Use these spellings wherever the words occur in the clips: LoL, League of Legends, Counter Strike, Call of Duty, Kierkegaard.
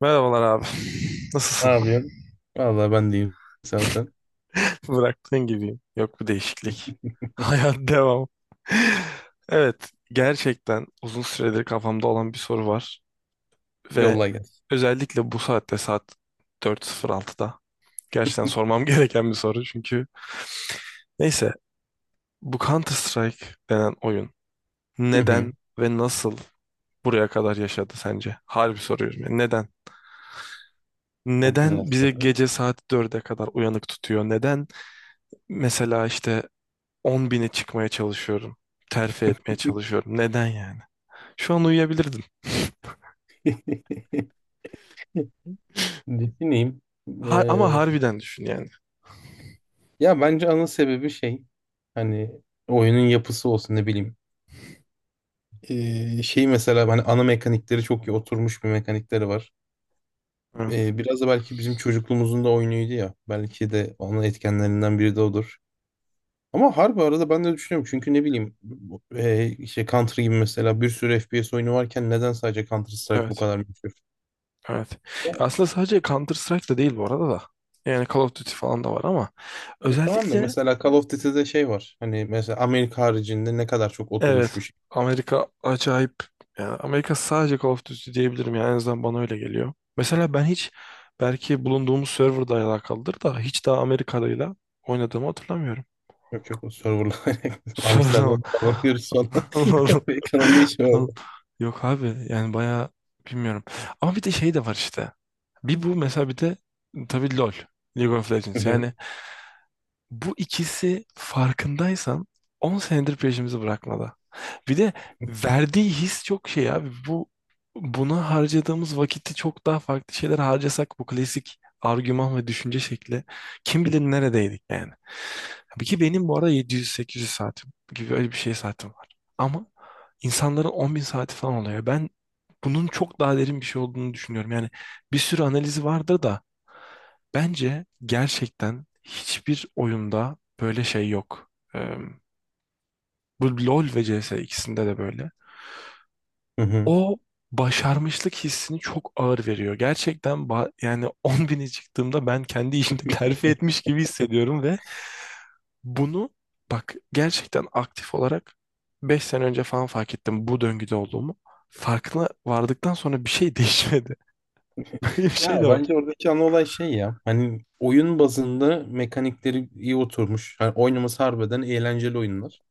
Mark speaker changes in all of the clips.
Speaker 1: Merhabalar abi.
Speaker 2: Ne
Speaker 1: Nasılsın?
Speaker 2: yapıyorsun? Vallahi ben diyeyim. Sen sen.
Speaker 1: Bıraktığın gibi. Yok bir değişiklik. Hayat devam. Evet, gerçekten uzun süredir kafamda olan bir soru var ve
Speaker 2: Yolla gel.
Speaker 1: özellikle bu saatte, saat 4:06'da gerçekten sormam gereken bir soru, çünkü neyse, bu Counter Strike denen oyun
Speaker 2: Hı hı.
Speaker 1: neden ve nasıl buraya kadar yaşadı sence? Harbi soruyorum ya. Neden?
Speaker 2: Çok güzel
Speaker 1: Neden bizi
Speaker 2: soru.
Speaker 1: gece saat 4'e kadar uyanık tutuyor? Neden? Mesela işte, 10 bine çıkmaya çalışıyorum. Terfi etmeye çalışıyorum. Neden yani? Şu an uyuyabilirdim.
Speaker 2: Düşüneyim. Ee,
Speaker 1: Ama harbiden düşün yani.
Speaker 2: ya bence ana sebebi şey hani oyunun yapısı olsun ne bileyim. Şey mesela hani ana mekanikleri çok iyi oturmuş bir mekanikleri var.
Speaker 1: Evet.
Speaker 2: Biraz da belki bizim çocukluğumuzun da oyunuydu ya. Belki de onun etkenlerinden biri de odur. Ama harbi arada ben de düşünüyorum. Çünkü ne bileyim işte Counter gibi mesela bir sürü FPS oyunu varken neden sadece Counter Strike bu
Speaker 1: Evet.
Speaker 2: kadar meşhur?
Speaker 1: Evet.
Speaker 2: Ya,
Speaker 1: Aslında sadece Counter Strike'da değil bu arada da. Yani Call of Duty falan da var ama
Speaker 2: ya, tamam da
Speaker 1: özellikle.
Speaker 2: mesela Call of Duty'de şey var. Hani mesela Amerika haricinde ne kadar çok oturmuş
Speaker 1: Evet.
Speaker 2: bir şey.
Speaker 1: Amerika acayip. Yani Amerika sadece Call of Duty diyebilirim. Yani en azından bana öyle geliyor. Mesela ben hiç, belki bulunduğumuz serverda alakalıdır da, hiç daha Amerikalı'yla oynadığımı hatırlamıyorum.
Speaker 2: Yok yok o serverlar.
Speaker 1: Serverda mı?
Speaker 2: Amsterdam falan diyoruz falan. Amerika'nın ne işi var orada?
Speaker 1: Yok abi, yani bayağı bilmiyorum. Ama bir de şey de var işte. Bir bu mesela, bir de tabii LoL. League of
Speaker 2: Hı
Speaker 1: Legends. Yani
Speaker 2: hı,
Speaker 1: bu ikisi, farkındaysan, 10 senedir peşimizi bırakmadı. Bir de verdiği his çok şey abi. Buna harcadığımız vakiti çok daha farklı şeyler harcasak, bu klasik argüman ve düşünce şekli, kim bilir neredeydik yani. Tabii ki benim bu ara 700-800 saatim gibi öyle bir şey saatim var. Ama insanların 10.000 saati falan oluyor. Ben bunun çok daha derin bir şey olduğunu düşünüyorum. Yani bir sürü analizi vardır da, bence gerçekten hiçbir oyunda böyle şey yok. Bu LoL ve CS ikisinde de böyle.
Speaker 2: hı hı.
Speaker 1: O başarmışlık hissini çok ağır veriyor. Gerçekten yani 10 bini çıktığımda ben kendi işimde terfi etmiş gibi hissediyorum ve bunu, bak, gerçekten aktif olarak 5 sene önce falan fark ettim, bu döngüde olduğumu. Farkına vardıktan sonra bir şey değişmedi. Böyle bir şey de
Speaker 2: Ya
Speaker 1: var.
Speaker 2: bence oradaki ana olay şey ya. Hani oyun bazında mekanikleri iyi oturmuş. Hani oynaması harbiden eğlenceli oyunlar.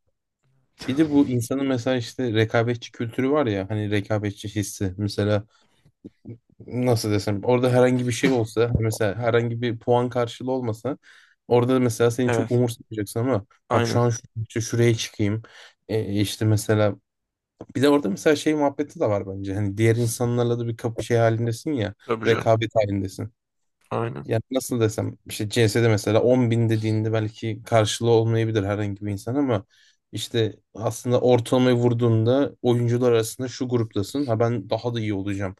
Speaker 2: Bir de bu insanın mesela işte rekabetçi kültürü var ya. Hani rekabetçi hissi. Mesela nasıl desem orada herhangi bir şey olsa mesela herhangi bir puan karşılığı olmasa orada da mesela seni çok
Speaker 1: Evet,
Speaker 2: umursamayacaksın ama bak şu
Speaker 1: aynen.
Speaker 2: an şuraya çıkayım. İşte mesela bir de orada mesela şey muhabbeti de var bence hani diğer insanlarla da bir kapı şey halindesin ya
Speaker 1: Tabii canım.
Speaker 2: rekabet halindesin.
Speaker 1: Aynen.
Speaker 2: Yani nasıl desem işte CS'de mesela 10 bin dediğinde belki karşılığı olmayabilir herhangi bir insan ama işte aslında ortalamayı vurduğunda oyuncular arasında şu gruptasın ha ben daha da iyi olacağım.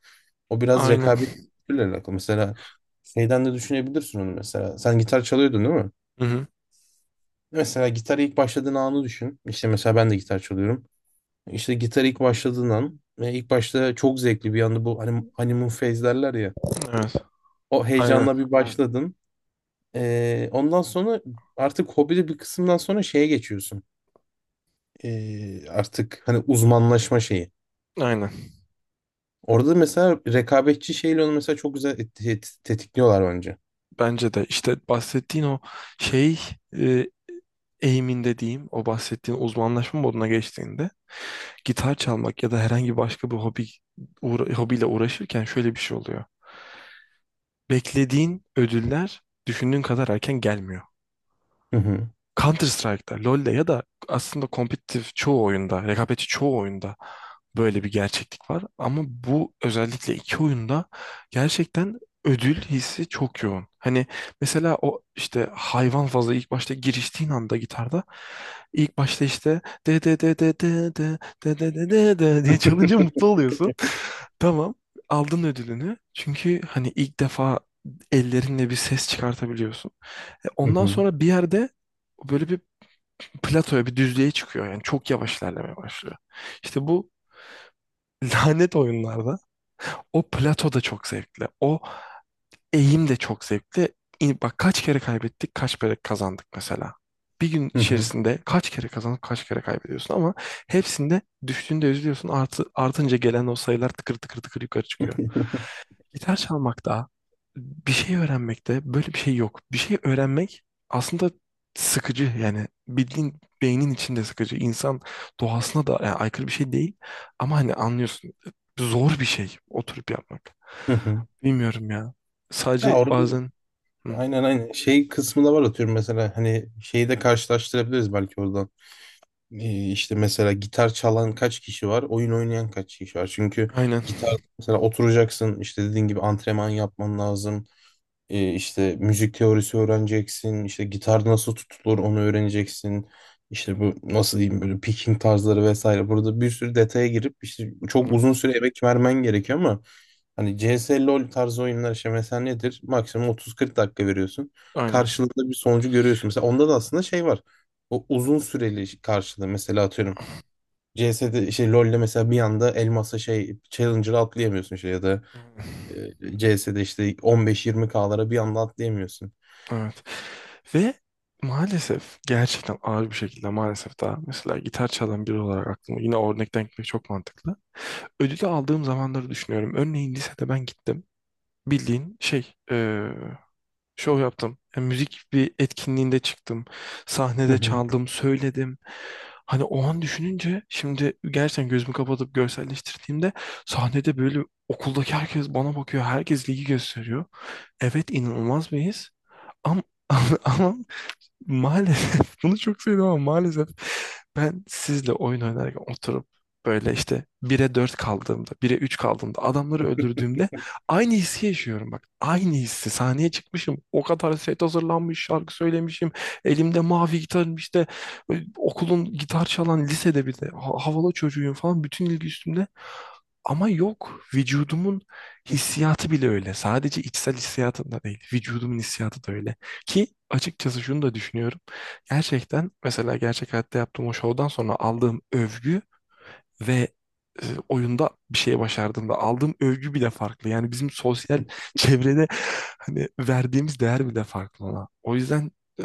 Speaker 2: O biraz
Speaker 1: Aynen.
Speaker 2: rekabet kültürüyle alakalı. Mesela şeyden de düşünebilirsin onu mesela. Sen gitar çalıyordun değil mi?
Speaker 1: Hı hı.
Speaker 2: Mesela gitar ilk başladığın anı düşün. İşte mesela ben de gitar çalıyorum. İşte gitar ilk başladığın an ve ilk başta çok zevkli bir anda bu hani honeymoon phase derler ya.
Speaker 1: Evet.
Speaker 2: O
Speaker 1: Aynen.
Speaker 2: heyecanla bir başladın. Ondan sonra artık hobide bir kısımdan sonra şeye geçiyorsun. Artık hani uzmanlaşma şeyi.
Speaker 1: Aynen.
Speaker 2: Orada mesela rekabetçi şeyle onu mesela çok güzel tetikliyorlar bence.
Speaker 1: Bence de işte, bahsettiğin o şey, e, eğiminde diyeyim, o bahsettiğin uzmanlaşma moduna geçtiğinde, gitar çalmak ya da herhangi başka bir hobi, hobiyle uğraşırken şöyle bir şey oluyor. Beklediğin ödüller düşündüğün kadar erken gelmiyor.
Speaker 2: Hı hı.
Speaker 1: Counter Strike'da, LoL'de ya da aslında kompetitif çoğu oyunda, rekabetçi çoğu oyunda böyle bir gerçeklik var. Ama bu özellikle iki oyunda gerçekten ödül hissi çok yoğun. Hani mesela o işte, hayvan fazla ilk başta giriştiğin anda, gitarda ilk başta işte de de de de de de de de de de de diye çalınca mutlu oluyorsun. Tamam. Aldın ödülünü. Çünkü hani ilk defa ellerinle bir ses çıkartabiliyorsun.
Speaker 2: Hı
Speaker 1: Ondan
Speaker 2: hı.
Speaker 1: sonra bir yerde böyle bir platoya, bir düzlüğe çıkıyor. Yani çok yavaş ilerlemeye başlıyor. İşte bu lanet oyunlarda o plato da çok zevkli. O eğim de çok zevkli. Bak, kaç kere kaybettik, kaç kere kazandık mesela. Bir gün
Speaker 2: Hı hı.
Speaker 1: içerisinde kaç kere kazanıp kaç kere kaybediyorsun, ama hepsinde düştüğünde üzülüyorsun. Artı, artınca gelen o sayılar tıkır tıkır tıkır yukarı çıkıyor. Gitar çalmakta, bir şey öğrenmekte böyle bir şey yok. Bir şey öğrenmek aslında sıkıcı, yani bildiğin beynin içinde sıkıcı. İnsan doğasına da yani aykırı bir şey değil ama, hani, anlıyorsun, zor bir şey oturup yapmak.
Speaker 2: Hı hı.
Speaker 1: Bilmiyorum ya.
Speaker 2: Ya
Speaker 1: Sadece
Speaker 2: orada
Speaker 1: bazen Hı,
Speaker 2: aynen aynen şey kısmı da var atıyorum mesela hani şeyi de karşılaştırabiliriz belki oradan. İşte mesela gitar çalan kaç kişi var, oyun oynayan kaç kişi var. Çünkü
Speaker 1: aynen.
Speaker 2: gitar mesela oturacaksın işte dediğin gibi antrenman yapman lazım. İşte müzik teorisi öğreneceksin, işte gitar nasıl tutulur onu öğreneceksin. İşte bu nasıl diyeyim böyle picking tarzları vesaire. Burada bir sürü detaya girip işte çok uzun
Speaker 1: Evet,
Speaker 2: süre emek vermen gerekiyor ama hani CS LoL tarzı oyunlar işte mesela nedir? Maksimum 30-40 dakika veriyorsun.
Speaker 1: aynen.
Speaker 2: Karşılığında bir sonucu görüyorsun. Mesela onda da aslında şey var. O uzun süreli karşılığı mesela atıyorum. CS'de şey LoL'de mesela bir anda elmasa şey challenger'ı atlayamıyorsun şey ya da
Speaker 1: Aynen.
Speaker 2: CS'de işte 15-20K'lara bir anda atlayamıyorsun.
Speaker 1: Evet. Ve maalesef gerçekten ağır bir şekilde, maalesef, daha mesela gitar çalan biri olarak aklıma yine örnekten gitmek çok mantıklı. Ödülü aldığım zamanları düşünüyorum. Örneğin lisede ben gittim. Bildiğin şey, şov yaptım. Yani müzik bir etkinliğinde çıktım.
Speaker 2: Hı
Speaker 1: Sahnede
Speaker 2: hı.
Speaker 1: çaldım, söyledim. Hani o an düşününce, şimdi gerçekten gözümü kapatıp görselleştirdiğimde, sahnede böyle, okuldaki herkes bana bakıyor. Herkes ligi gösteriyor. Evet, inanılmaz bir his. Ama, ama maalesef bunu çok sevdim, ama maalesef ben sizle oyun oynarken oturup böyle işte 1'e 4 kaldığımda, 1'e 3 kaldığımda, adamları öldürdüğümde aynı hissi yaşıyorum, bak. Aynı hissi. Sahneye çıkmışım. O kadar set hazırlanmış, şarkı söylemişim. Elimde mavi gitarım işte, okulun gitar çalan, lisede bir de havalı çocuğuyum falan, bütün ilgi üstümde. Ama yok. Vücudumun hissiyatı bile öyle. Sadece içsel hissiyatım da değil. Vücudumun hissiyatı da öyle. Ki açıkçası şunu da düşünüyorum. Gerçekten mesela gerçek hayatta yaptığım o şovdan sonra aldığım övgü ve oyunda bir şey başardığımda aldığım övgü bile farklı. Yani bizim sosyal çevrede hani verdiğimiz değer bile farklı ona. O yüzden e,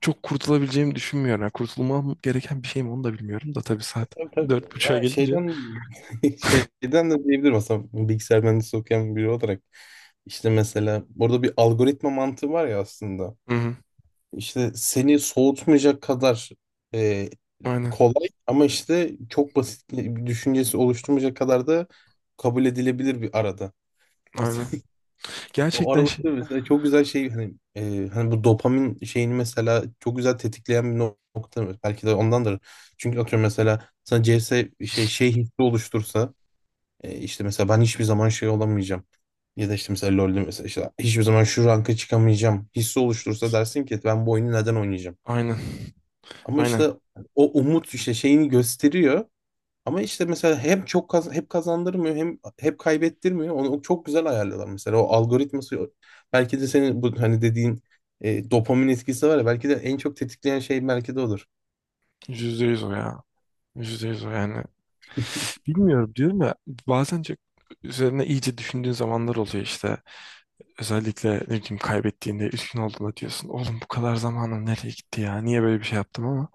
Speaker 1: çok kurtulabileceğimi düşünmüyorum. Yani kurtulmam gereken bir şey mi onu da bilmiyorum da, tabii saat
Speaker 2: Tabii
Speaker 1: dört
Speaker 2: tabii.
Speaker 1: buçuğa
Speaker 2: Ya
Speaker 1: gelince.
Speaker 2: şeyden şeyden de diyebilirim aslında bilgisayar mühendisi okuyan biri olarak. İşte mesela burada bir algoritma mantığı var ya aslında.
Speaker 1: Hı hı.
Speaker 2: İşte seni soğutmayacak kadar e,
Speaker 1: Aynen,
Speaker 2: kolay ama işte çok basit bir düşüncesi oluşturmayacak kadar da kabul edilebilir bir arada.
Speaker 1: aynen.
Speaker 2: O
Speaker 1: Gerçekten şey.
Speaker 2: aralıkta mesela çok güzel şey hani hani bu dopamin şeyini mesela çok güzel tetikleyen bir nokta belki de ondandır. Çünkü atıyorum mesela sana CS şey şey hissi oluştursa işte mesela ben hiçbir zaman şey olamayacağım. Ya da işte mesela LoL'de mesela işte hiçbir zaman şu ranka çıkamayacağım hissi oluştursa dersin ki ben bu oyunu neden oynayacağım?
Speaker 1: Aynen,
Speaker 2: Ama
Speaker 1: aynen.
Speaker 2: işte o umut işte şeyini gösteriyor. Ama işte mesela hem çok hep kazandırmıyor hem hep kaybettirmiyor. Onu çok güzel ayarlıyorlar mesela. O algoritması belki de senin bu hani dediğin dopamin etkisi var ya belki de en çok tetikleyen şey belki de odur.
Speaker 1: Yüzde yüz o ya. Yüzde yüz o yani. Bilmiyorum, diyorum ya, bazen çok üzerine iyice düşündüğün zamanlar oluyor işte. Özellikle ne bileyim, kaybettiğinde, üzgün olduğunda diyorsun, oğlum bu kadar zamanım nereye gitti ya? Niye böyle bir şey yaptım ama.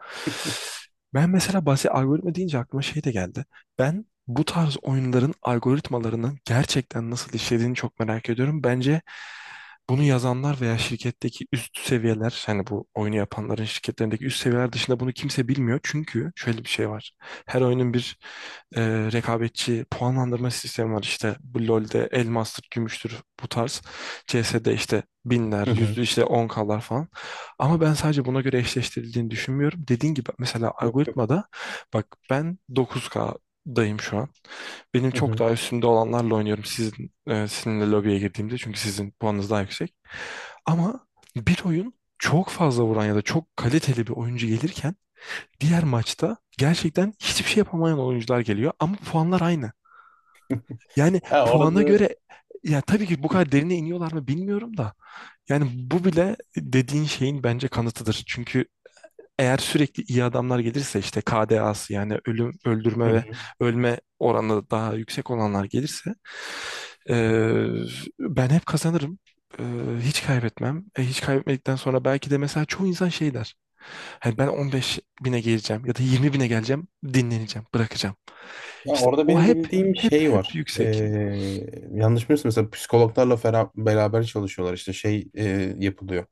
Speaker 1: Ben mesela bahsi algoritma deyince aklıma şey de geldi. Ben bu tarz oyunların algoritmalarının gerçekten nasıl işlediğini çok merak ediyorum. Bence bunu yazanlar veya şirketteki üst seviyeler, hani bu oyunu yapanların şirketlerindeki üst seviyeler dışında bunu kimse bilmiyor. Çünkü şöyle bir şey var. Her oyunun bir e, rekabetçi puanlandırma sistemi var. İşte bu LoL'de elmastır, gümüştür bu tarz. CS'de işte binler,
Speaker 2: Hı
Speaker 1: yüzlü
Speaker 2: hı.
Speaker 1: işte on klar falan. Ama ben sadece buna göre eşleştirildiğini düşünmüyorum. Dediğin gibi mesela
Speaker 2: Yok.
Speaker 1: algoritmada, bak, ben dokuz kdayım şu an. Benim
Speaker 2: Hı
Speaker 1: çok
Speaker 2: hı.
Speaker 1: daha üstünde olanlarla oynuyorum, sizin sizinle lobiye girdiğimde, çünkü sizin puanınız daha yüksek. Ama bir oyun çok fazla vuran ya da çok kaliteli bir oyuncu gelirken, diğer maçta gerçekten hiçbir şey yapamayan oyuncular geliyor, ama puanlar aynı. Yani
Speaker 2: Ya
Speaker 1: puana
Speaker 2: orada
Speaker 1: göre, ya tabii ki bu kadar derine iniyorlar mı bilmiyorum da, yani bu bile dediğin şeyin bence kanıtıdır. Çünkü eğer sürekli iyi adamlar gelirse, işte KDA'sı yani ölüm,
Speaker 2: Hı
Speaker 1: öldürme ve
Speaker 2: hı.
Speaker 1: ölme oranı daha yüksek olanlar gelirse, e, ben hep kazanırım. E, hiç kaybetmem. Hiç kaybetmedikten sonra belki de mesela çoğu insan şey der. Hani ben 15 bine geleceğim ya da 20 bine geleceğim, dinleneceğim, bırakacağım.
Speaker 2: Ya
Speaker 1: İşte
Speaker 2: orada
Speaker 1: o
Speaker 2: benim
Speaker 1: hep
Speaker 2: bildiğim
Speaker 1: hep
Speaker 2: şey
Speaker 1: hep
Speaker 2: var.
Speaker 1: yüksek.
Speaker 2: Yanlış bilmiyorsam mesela psikologlarla beraber çalışıyorlar. İşte şey yapılıyor.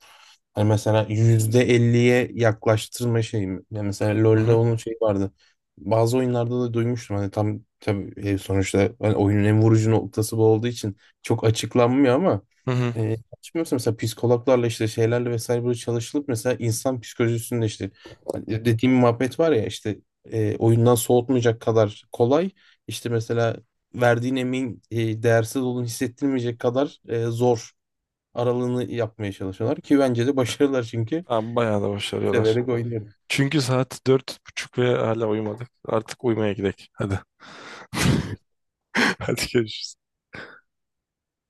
Speaker 2: Hani mesela %50'ye yaklaştırma şeyi mi? Yani mesela
Speaker 1: Hı
Speaker 2: LoL'de
Speaker 1: hı.
Speaker 2: onun şeyi vardı. Bazı oyunlarda da duymuştum. Hani tam tabii sonuçta hani oyunun en vurucu noktası bu olduğu için çok açıklanmıyor ama
Speaker 1: Hı hı.
Speaker 2: yanlış bilmiyorsam mesela psikologlarla işte şeylerle vesaire böyle çalışılıp mesela insan psikolojisinde işte hani dediğim muhabbet var ya işte oyundan soğutmayacak kadar kolay. İşte mesela verdiğin emeğin değersiz olduğunu hissettirmeyecek kadar zor aralığını yapmaya çalışıyorlar ki bence de başarılar çünkü
Speaker 1: Abi bayağı da başarıyorlar.
Speaker 2: severek oynuyorum.
Speaker 1: Çünkü saat dört buçuk ve hala uyumadık. Artık uyumaya gidelim. Hadi. Hadi görüşürüz.